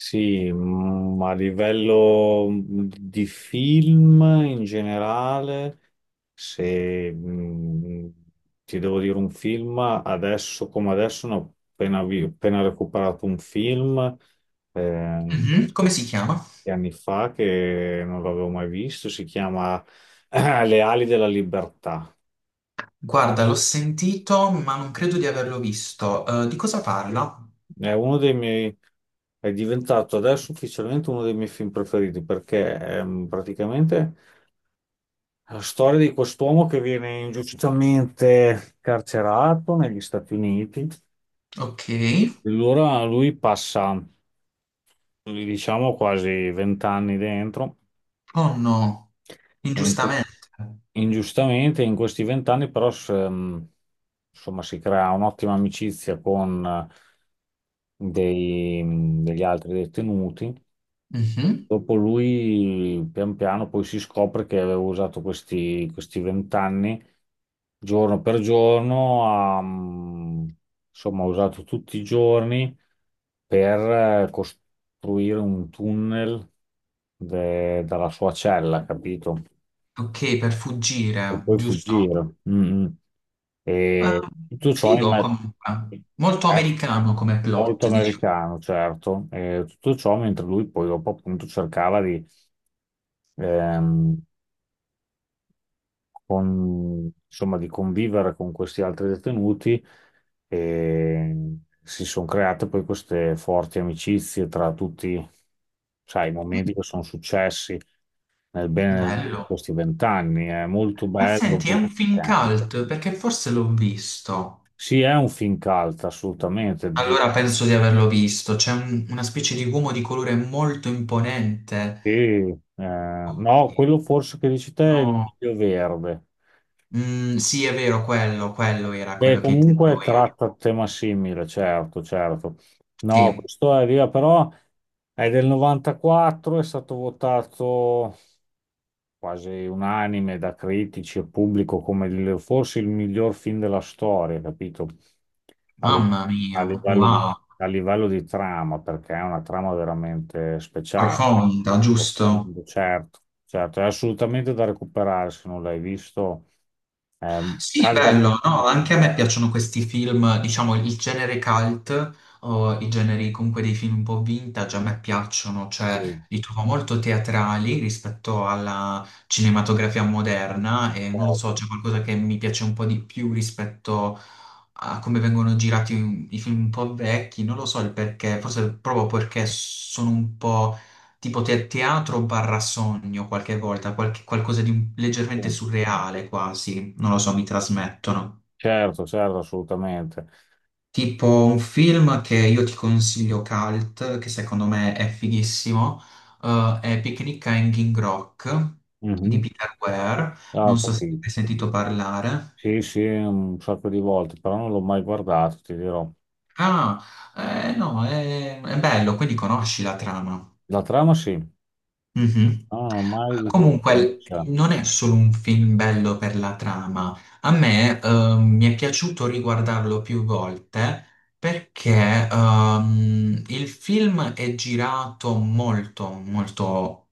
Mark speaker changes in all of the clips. Speaker 1: Sì, a livello di film in generale, se mm, ti devo dire un film. Adesso come adesso ne ho appena recuperato un film eh,
Speaker 2: Mhm, come si chiama?
Speaker 1: di anni fa che non l'avevo mai visto. Si chiama Le ali della libertà.
Speaker 2: Guarda, l'ho sentito, ma non credo di averlo visto. Di cosa parla?
Speaker 1: È uno dei miei è diventato adesso ufficialmente uno dei miei film preferiti perché praticamente la storia di quest'uomo che viene ingiustamente carcerato negli Stati Uniti.
Speaker 2: Ok.
Speaker 1: Allora lui passa, diciamo, quasi vent'anni dentro,
Speaker 2: Oh no,
Speaker 1: e in que-
Speaker 2: ingiustamente.
Speaker 1: ingiustamente, in questi vent'anni però insomma, si crea un'ottima amicizia con degli altri detenuti.
Speaker 2: Mhm.
Speaker 1: Dopo lui, pian piano, poi si scopre che aveva usato questi vent'anni, giorno per giorno. Ha, insomma, ha usato tutti i giorni per costruire un tunnel dalla sua cella, capito?
Speaker 2: Ok, per
Speaker 1: Per
Speaker 2: fuggire,
Speaker 1: poi
Speaker 2: giusto?
Speaker 1: fuggire. Mm, mm.
Speaker 2: Ah,
Speaker 1: E tutto ciò in
Speaker 2: figo
Speaker 1: ma-
Speaker 2: comunque. Molto
Speaker 1: eh,
Speaker 2: americano come
Speaker 1: Molto
Speaker 2: plot, diciamo.
Speaker 1: americano, certo. E tutto ciò mentre lui poi dopo appunto cercava, ehm, insomma, di convivere con questi altri detenuti, e si sono create poi queste forti amicizie tra tutti, sai, i
Speaker 2: Mm,
Speaker 1: momenti che sono successi nel bene e nel male di
Speaker 2: bello.
Speaker 1: questi vent'anni. È molto
Speaker 2: Ma
Speaker 1: bello,
Speaker 2: senti, è un
Speaker 1: molto
Speaker 2: film
Speaker 1: toccante.
Speaker 2: cult perché forse l'ho visto.
Speaker 1: Sì, è un film cult, assolutamente.
Speaker 2: Allora penso di averlo visto. C'è una specie di uomo di colore molto imponente.
Speaker 1: No,
Speaker 2: Ok,
Speaker 1: quello forse che dici te è Il
Speaker 2: no.
Speaker 1: miglio verde.
Speaker 2: Mm, sì, è vero, quello era
Speaker 1: Beh,
Speaker 2: quello che
Speaker 1: comunque
Speaker 2: intendevo io.
Speaker 1: tratta un tema simile, certo, certo. No,
Speaker 2: Sì,
Speaker 1: questo è via, però è del 94, è stato votato quasi unanime da critici e pubblico come forse il miglior film della storia, capito? A, li-
Speaker 2: mamma
Speaker 1: a
Speaker 2: mia,
Speaker 1: livello di,
Speaker 2: wow,
Speaker 1: a livello di trama, perché è una trama veramente speciale.
Speaker 2: profonda, giusto?
Speaker 1: Profondo, certo, certo, è assolutamente da recuperare se non l'hai visto.
Speaker 2: Sì,
Speaker 1: Caldamente
Speaker 2: bello, no? Anche a me
Speaker 1: consigliato.
Speaker 2: piacciono questi film, diciamo il genere cult o i generi comunque dei film un po' vintage, a me piacciono,
Speaker 1: Sì,
Speaker 2: cioè li trovo molto teatrali rispetto alla cinematografia moderna e non lo so,
Speaker 1: certo,
Speaker 2: c'è qualcosa che mi piace un po' di più rispetto a come vengono girati i film un po' vecchi, non lo so il perché, forse proprio perché sono un po' tipo teatro barra sogno qualche volta, qualcosa di leggermente
Speaker 1: sì.
Speaker 2: surreale quasi, non lo so, mi trasmettono.
Speaker 1: Certo, certo, assolutamente.
Speaker 2: Tipo un film che io ti consiglio cult, che secondo me è fighissimo, è Picnic a Hanging Rock di
Speaker 1: Mhm.
Speaker 2: Peter Ware,
Speaker 1: Ah,
Speaker 2: non
Speaker 1: ho
Speaker 2: so se
Speaker 1: capito.
Speaker 2: hai sentito parlare.
Speaker 1: Sì, sì, un sacco di volte, però non l'ho mai guardato, ti dirò.
Speaker 2: Ah, no, è bello, quindi conosci la trama.
Speaker 1: La trama sì,
Speaker 2: Mhm.
Speaker 1: però non l'ho mai
Speaker 2: Comunque,
Speaker 1: vista.
Speaker 2: non è solo un film bello per la trama. A me, mi è piaciuto riguardarlo più volte perché, il film è girato molto, molto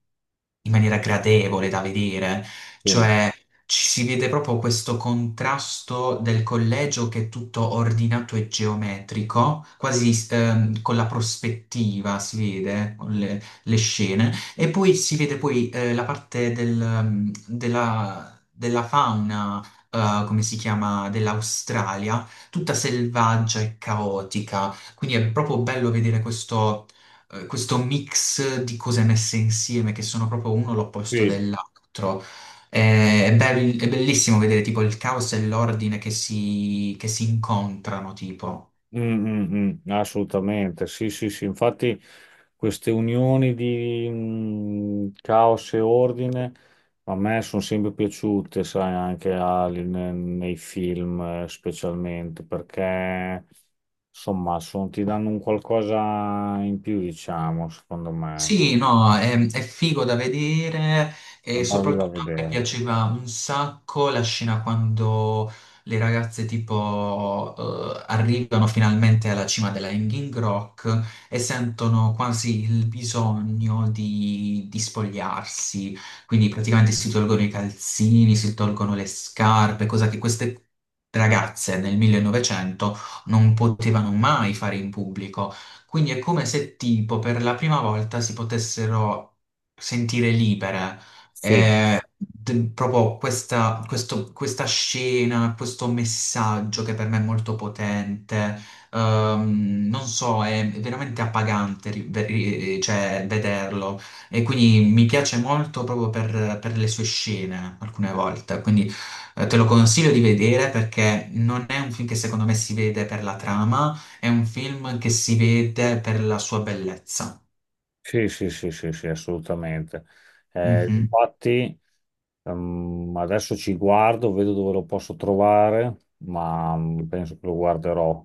Speaker 2: in maniera gradevole da vedere,
Speaker 1: Sì,
Speaker 2: cioè ci si vede proprio questo contrasto del collegio che è tutto ordinato e geometrico, quasi con la prospettiva si vede, con le scene, e poi si vede poi la parte della fauna, come si chiama, dell'Australia, tutta selvaggia e caotica, quindi è proprio bello vedere questo questo mix di cose messe insieme che sono proprio uno l'opposto
Speaker 1: sì.
Speaker 2: dell'altro. È bellissimo vedere tipo il caos e l'ordine che che si incontrano, tipo.
Speaker 1: Mm, mm, mm, assolutamente, sì, sì, sì, infatti queste unioni di caos e ordine a me sono sempre piaciute, sai, anche nei film specialmente, perché insomma ti danno un qualcosa in più, diciamo, secondo me,
Speaker 2: Sì, no, è figo da vedere
Speaker 1: da
Speaker 2: e
Speaker 1: bello da
Speaker 2: soprattutto a me
Speaker 1: vedere.
Speaker 2: piaceva un sacco la scena quando le ragazze tipo arrivano finalmente alla cima della Hanging Rock e sentono quasi il bisogno di spogliarsi, quindi praticamente si tolgono i calzini, si tolgono le scarpe, cosa che queste ragazze nel 1900 non potevano mai fare in pubblico. Quindi è come se tipo per la prima volta si potessero sentire libere.
Speaker 1: Sì.
Speaker 2: Eh, Proprio questa scena, questo messaggio che per me è molto potente, non so, è veramente appagante, cioè, vederlo e quindi mi piace molto proprio per le sue scene alcune volte, quindi te lo consiglio di vedere perché non è un film che secondo me si vede per la trama, è un film che si vede per la sua bellezza.
Speaker 1: Sì, sì, sì, sì, sì, assolutamente. Mm. Infatti, adesso ci guardo, vedo dove lo posso trovare, ma penso che lo guarderò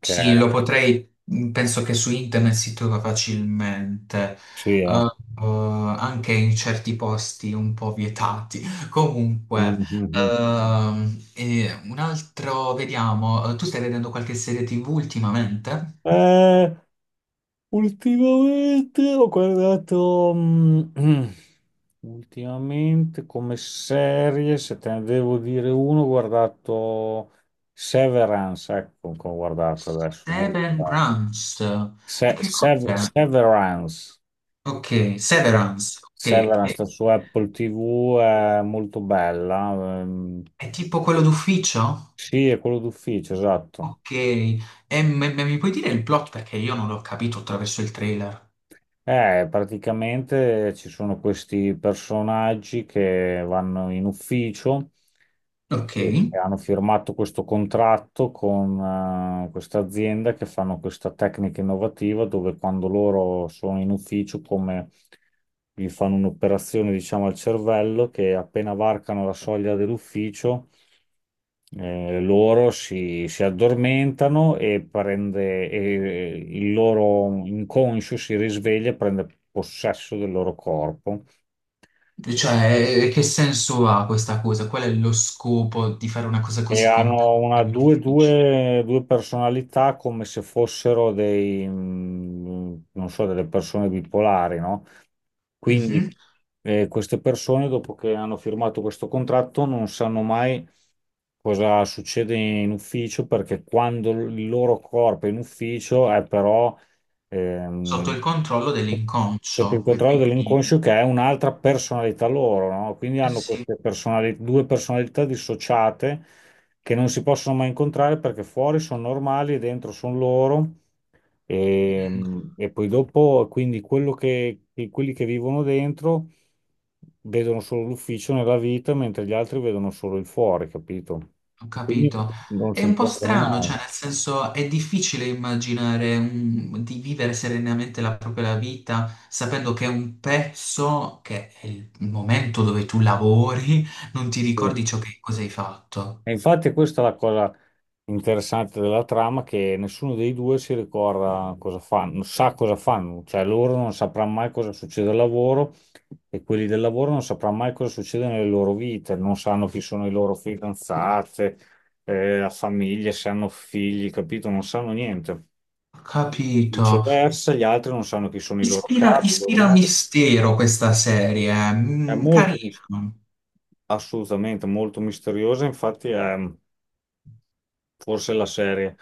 Speaker 2: Sì, lo potrei, mm, penso che su internet si trova facilmente,
Speaker 1: sì,
Speaker 2: eh,
Speaker 1: eh.
Speaker 2: anche in certi posti un po' vietati. Comunque,
Speaker 1: Mhm.
Speaker 2: e un altro, vediamo, tu stai vedendo qualche serie TV ultimamente?
Speaker 1: Eh, ultimamente ho guardato, ultimamente come serie, se te ne devo dire uno, ho guardato Severance, ecco, che ho guardato adesso, molto
Speaker 2: Seven
Speaker 1: bello.
Speaker 2: Grams, e che cos'è?
Speaker 1: Severance.
Speaker 2: Ok, Severance, ok,
Speaker 1: Severance sta su Apple TV, è molto bella.
Speaker 2: è tipo quello d'ufficio?
Speaker 1: Sì, è quello d'ufficio, esatto.
Speaker 2: Ok, e mi puoi dire il plot perché io non l'ho capito attraverso il trailer?
Speaker 1: Praticamente ci sono questi personaggi che vanno in ufficio
Speaker 2: Ok.
Speaker 1: e hanno firmato questo contratto con questa azienda che fanno questa tecnica innovativa dove, quando loro sono in ufficio, come gli fanno un'operazione, diciamo, al cervello, che appena varcano la soglia dell'ufficio si addormentano e il loro inconscio si risveglia e prende possesso del loro corpo.
Speaker 2: Cioè, che senso ha questa cosa? Qual è lo scopo di fare una cosa
Speaker 1: E
Speaker 2: così complessa
Speaker 1: hanno una,
Speaker 2: nell'ufficio?
Speaker 1: due personalità come se fossero dei, non so, delle persone bipolari, no? Quindi
Speaker 2: Mhm.
Speaker 1: queste persone, dopo che hanno firmato questo contratto, non sanno mai cosa succede in ufficio, perché quando il loro corpo è in ufficio è però
Speaker 2: Sotto
Speaker 1: ehm,
Speaker 2: il controllo
Speaker 1: sotto il
Speaker 2: dell'inconscio. E
Speaker 1: controllo
Speaker 2: quindi,
Speaker 1: dell'inconscio, che è un'altra personalità loro, no? Quindi
Speaker 2: eh
Speaker 1: hanno
Speaker 2: sì,
Speaker 1: due personalità dissociate che non si possono mai incontrare, perché fuori sono normali e dentro sono loro. e,
Speaker 2: mm,
Speaker 1: e poi dopo, quindi quelli che vivono dentro vedono solo l'ufficio nella vita, mentre gli altri vedono solo il fuori, capito?
Speaker 2: ho
Speaker 1: Quindi
Speaker 2: capito.
Speaker 1: non
Speaker 2: È
Speaker 1: si
Speaker 2: un po'
Speaker 1: incontrano
Speaker 2: strano, cioè,
Speaker 1: mai.
Speaker 2: nel senso, è difficile immaginare di vivere serenamente la propria vita sapendo che è un pezzo, che è il momento dove tu lavori, non ti
Speaker 1: Sì.
Speaker 2: ricordi ciò che cosa hai fatto.
Speaker 1: E infatti questa è la cosa interessante della trama, che nessuno dei due si ricorda cosa fanno, non sa cosa fanno. Cioè loro non sapranno mai cosa succede al lavoro, e quelli del lavoro non sapranno mai cosa succede nelle loro vite. Non sanno chi sono i loro fidanzate, la famiglia, se hanno figli, capito? Non sanno niente.
Speaker 2: Ho capito.
Speaker 1: Viceversa, gli altri non sanno chi sono i loro
Speaker 2: Ispira,
Speaker 1: capi,
Speaker 2: ispira mistero questa serie,
Speaker 1: è
Speaker 2: mm,
Speaker 1: molto,
Speaker 2: carina.
Speaker 1: assolutamente molto misteriosa, infatti è. Forse la serie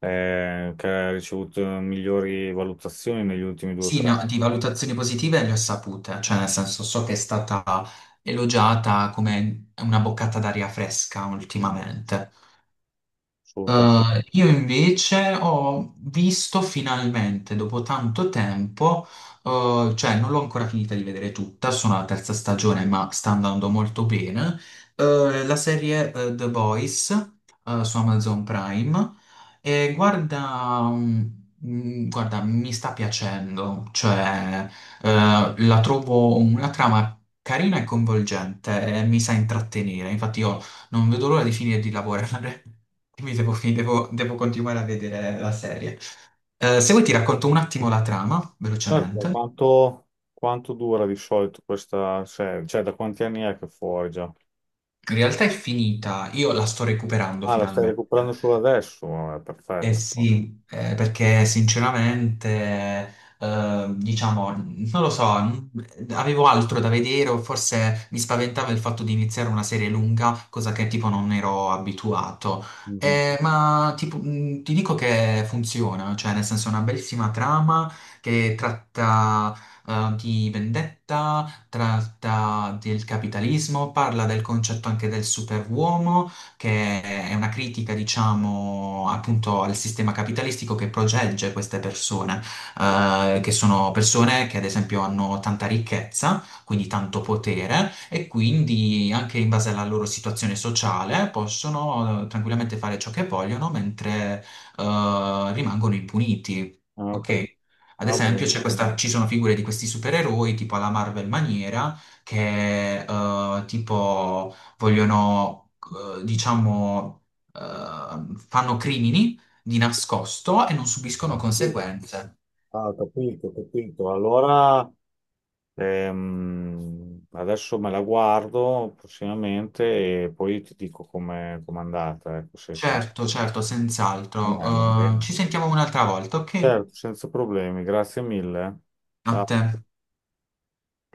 Speaker 1: che ha ricevuto migliori valutazioni negli ultimi due o
Speaker 2: Sì,
Speaker 1: tre anni.
Speaker 2: di valutazioni positive le ho sapute, cioè nel senso so che è stata elogiata come una boccata d'aria fresca
Speaker 1: Sì,
Speaker 2: ultimamente.
Speaker 1: assolutamente.
Speaker 2: Io invece ho visto finalmente, dopo tanto tempo, cioè non l'ho ancora finita di vedere tutta, sono alla terza stagione, ma sta andando molto bene, la serie, The Boys, su Amazon Prime, e guarda, mm, guarda, mi sta piacendo, cioè, la trovo una trama carina e coinvolgente e mi sa intrattenere, infatti io non vedo l'ora di finire di lavorare. Mi devo, devo continuare a vedere la serie. Se vuoi ti racconto un attimo la trama,
Speaker 1: Certo.
Speaker 2: velocemente.
Speaker 1: Quanto dura di solito questa serie? Cioè, da quanti anni è che è fuori già?
Speaker 2: In realtà è finita, io la sto recuperando
Speaker 1: Ah, la stai
Speaker 2: finalmente.
Speaker 1: recuperando solo adesso? Vabbè,
Speaker 2: Eh
Speaker 1: perfetto.
Speaker 2: sì, perché sinceramente, diciamo, non lo so, avevo altro da vedere o forse mi spaventava il fatto di iniziare una serie lunga, cosa che tipo non ero abituato.
Speaker 1: Mhm.
Speaker 2: Ma tipo, ti dico che funziona, cioè nel senso è una bellissima trama che tratta, di vendetta, tratta del capitalismo, parla del concetto anche del superuomo che è una critica, diciamo, appunto al sistema capitalistico che protegge queste persone, che sono persone che ad esempio hanno tanta ricchezza, quindi tanto potere, e quindi anche in base alla loro situazione sociale possono tranquillamente fare ciò che vogliono mentre rimangono impuniti.
Speaker 1: Ah, ok.
Speaker 2: Ok? Ad
Speaker 1: Ah,
Speaker 2: esempio,
Speaker 1: vale.
Speaker 2: ci sono figure di questi supereroi, tipo alla Marvel maniera, che tipo vogliono eh, diciamo, fanno crimini di nascosto e non subiscono
Speaker 1: Sì.
Speaker 2: conseguenze.
Speaker 1: Ah, ho capito, ho capito. Allora, adesso me la guardo prossimamente e poi ti dico com'è andata. Ecco, se, se...
Speaker 2: Certo, certo,
Speaker 1: A me va
Speaker 2: senz'altro.
Speaker 1: bene.
Speaker 2: Ci sentiamo un'altra volta, ok?
Speaker 1: Certo, senza problemi, grazie mille. Eh.
Speaker 2: A
Speaker 1: Ciao.
Speaker 2: te.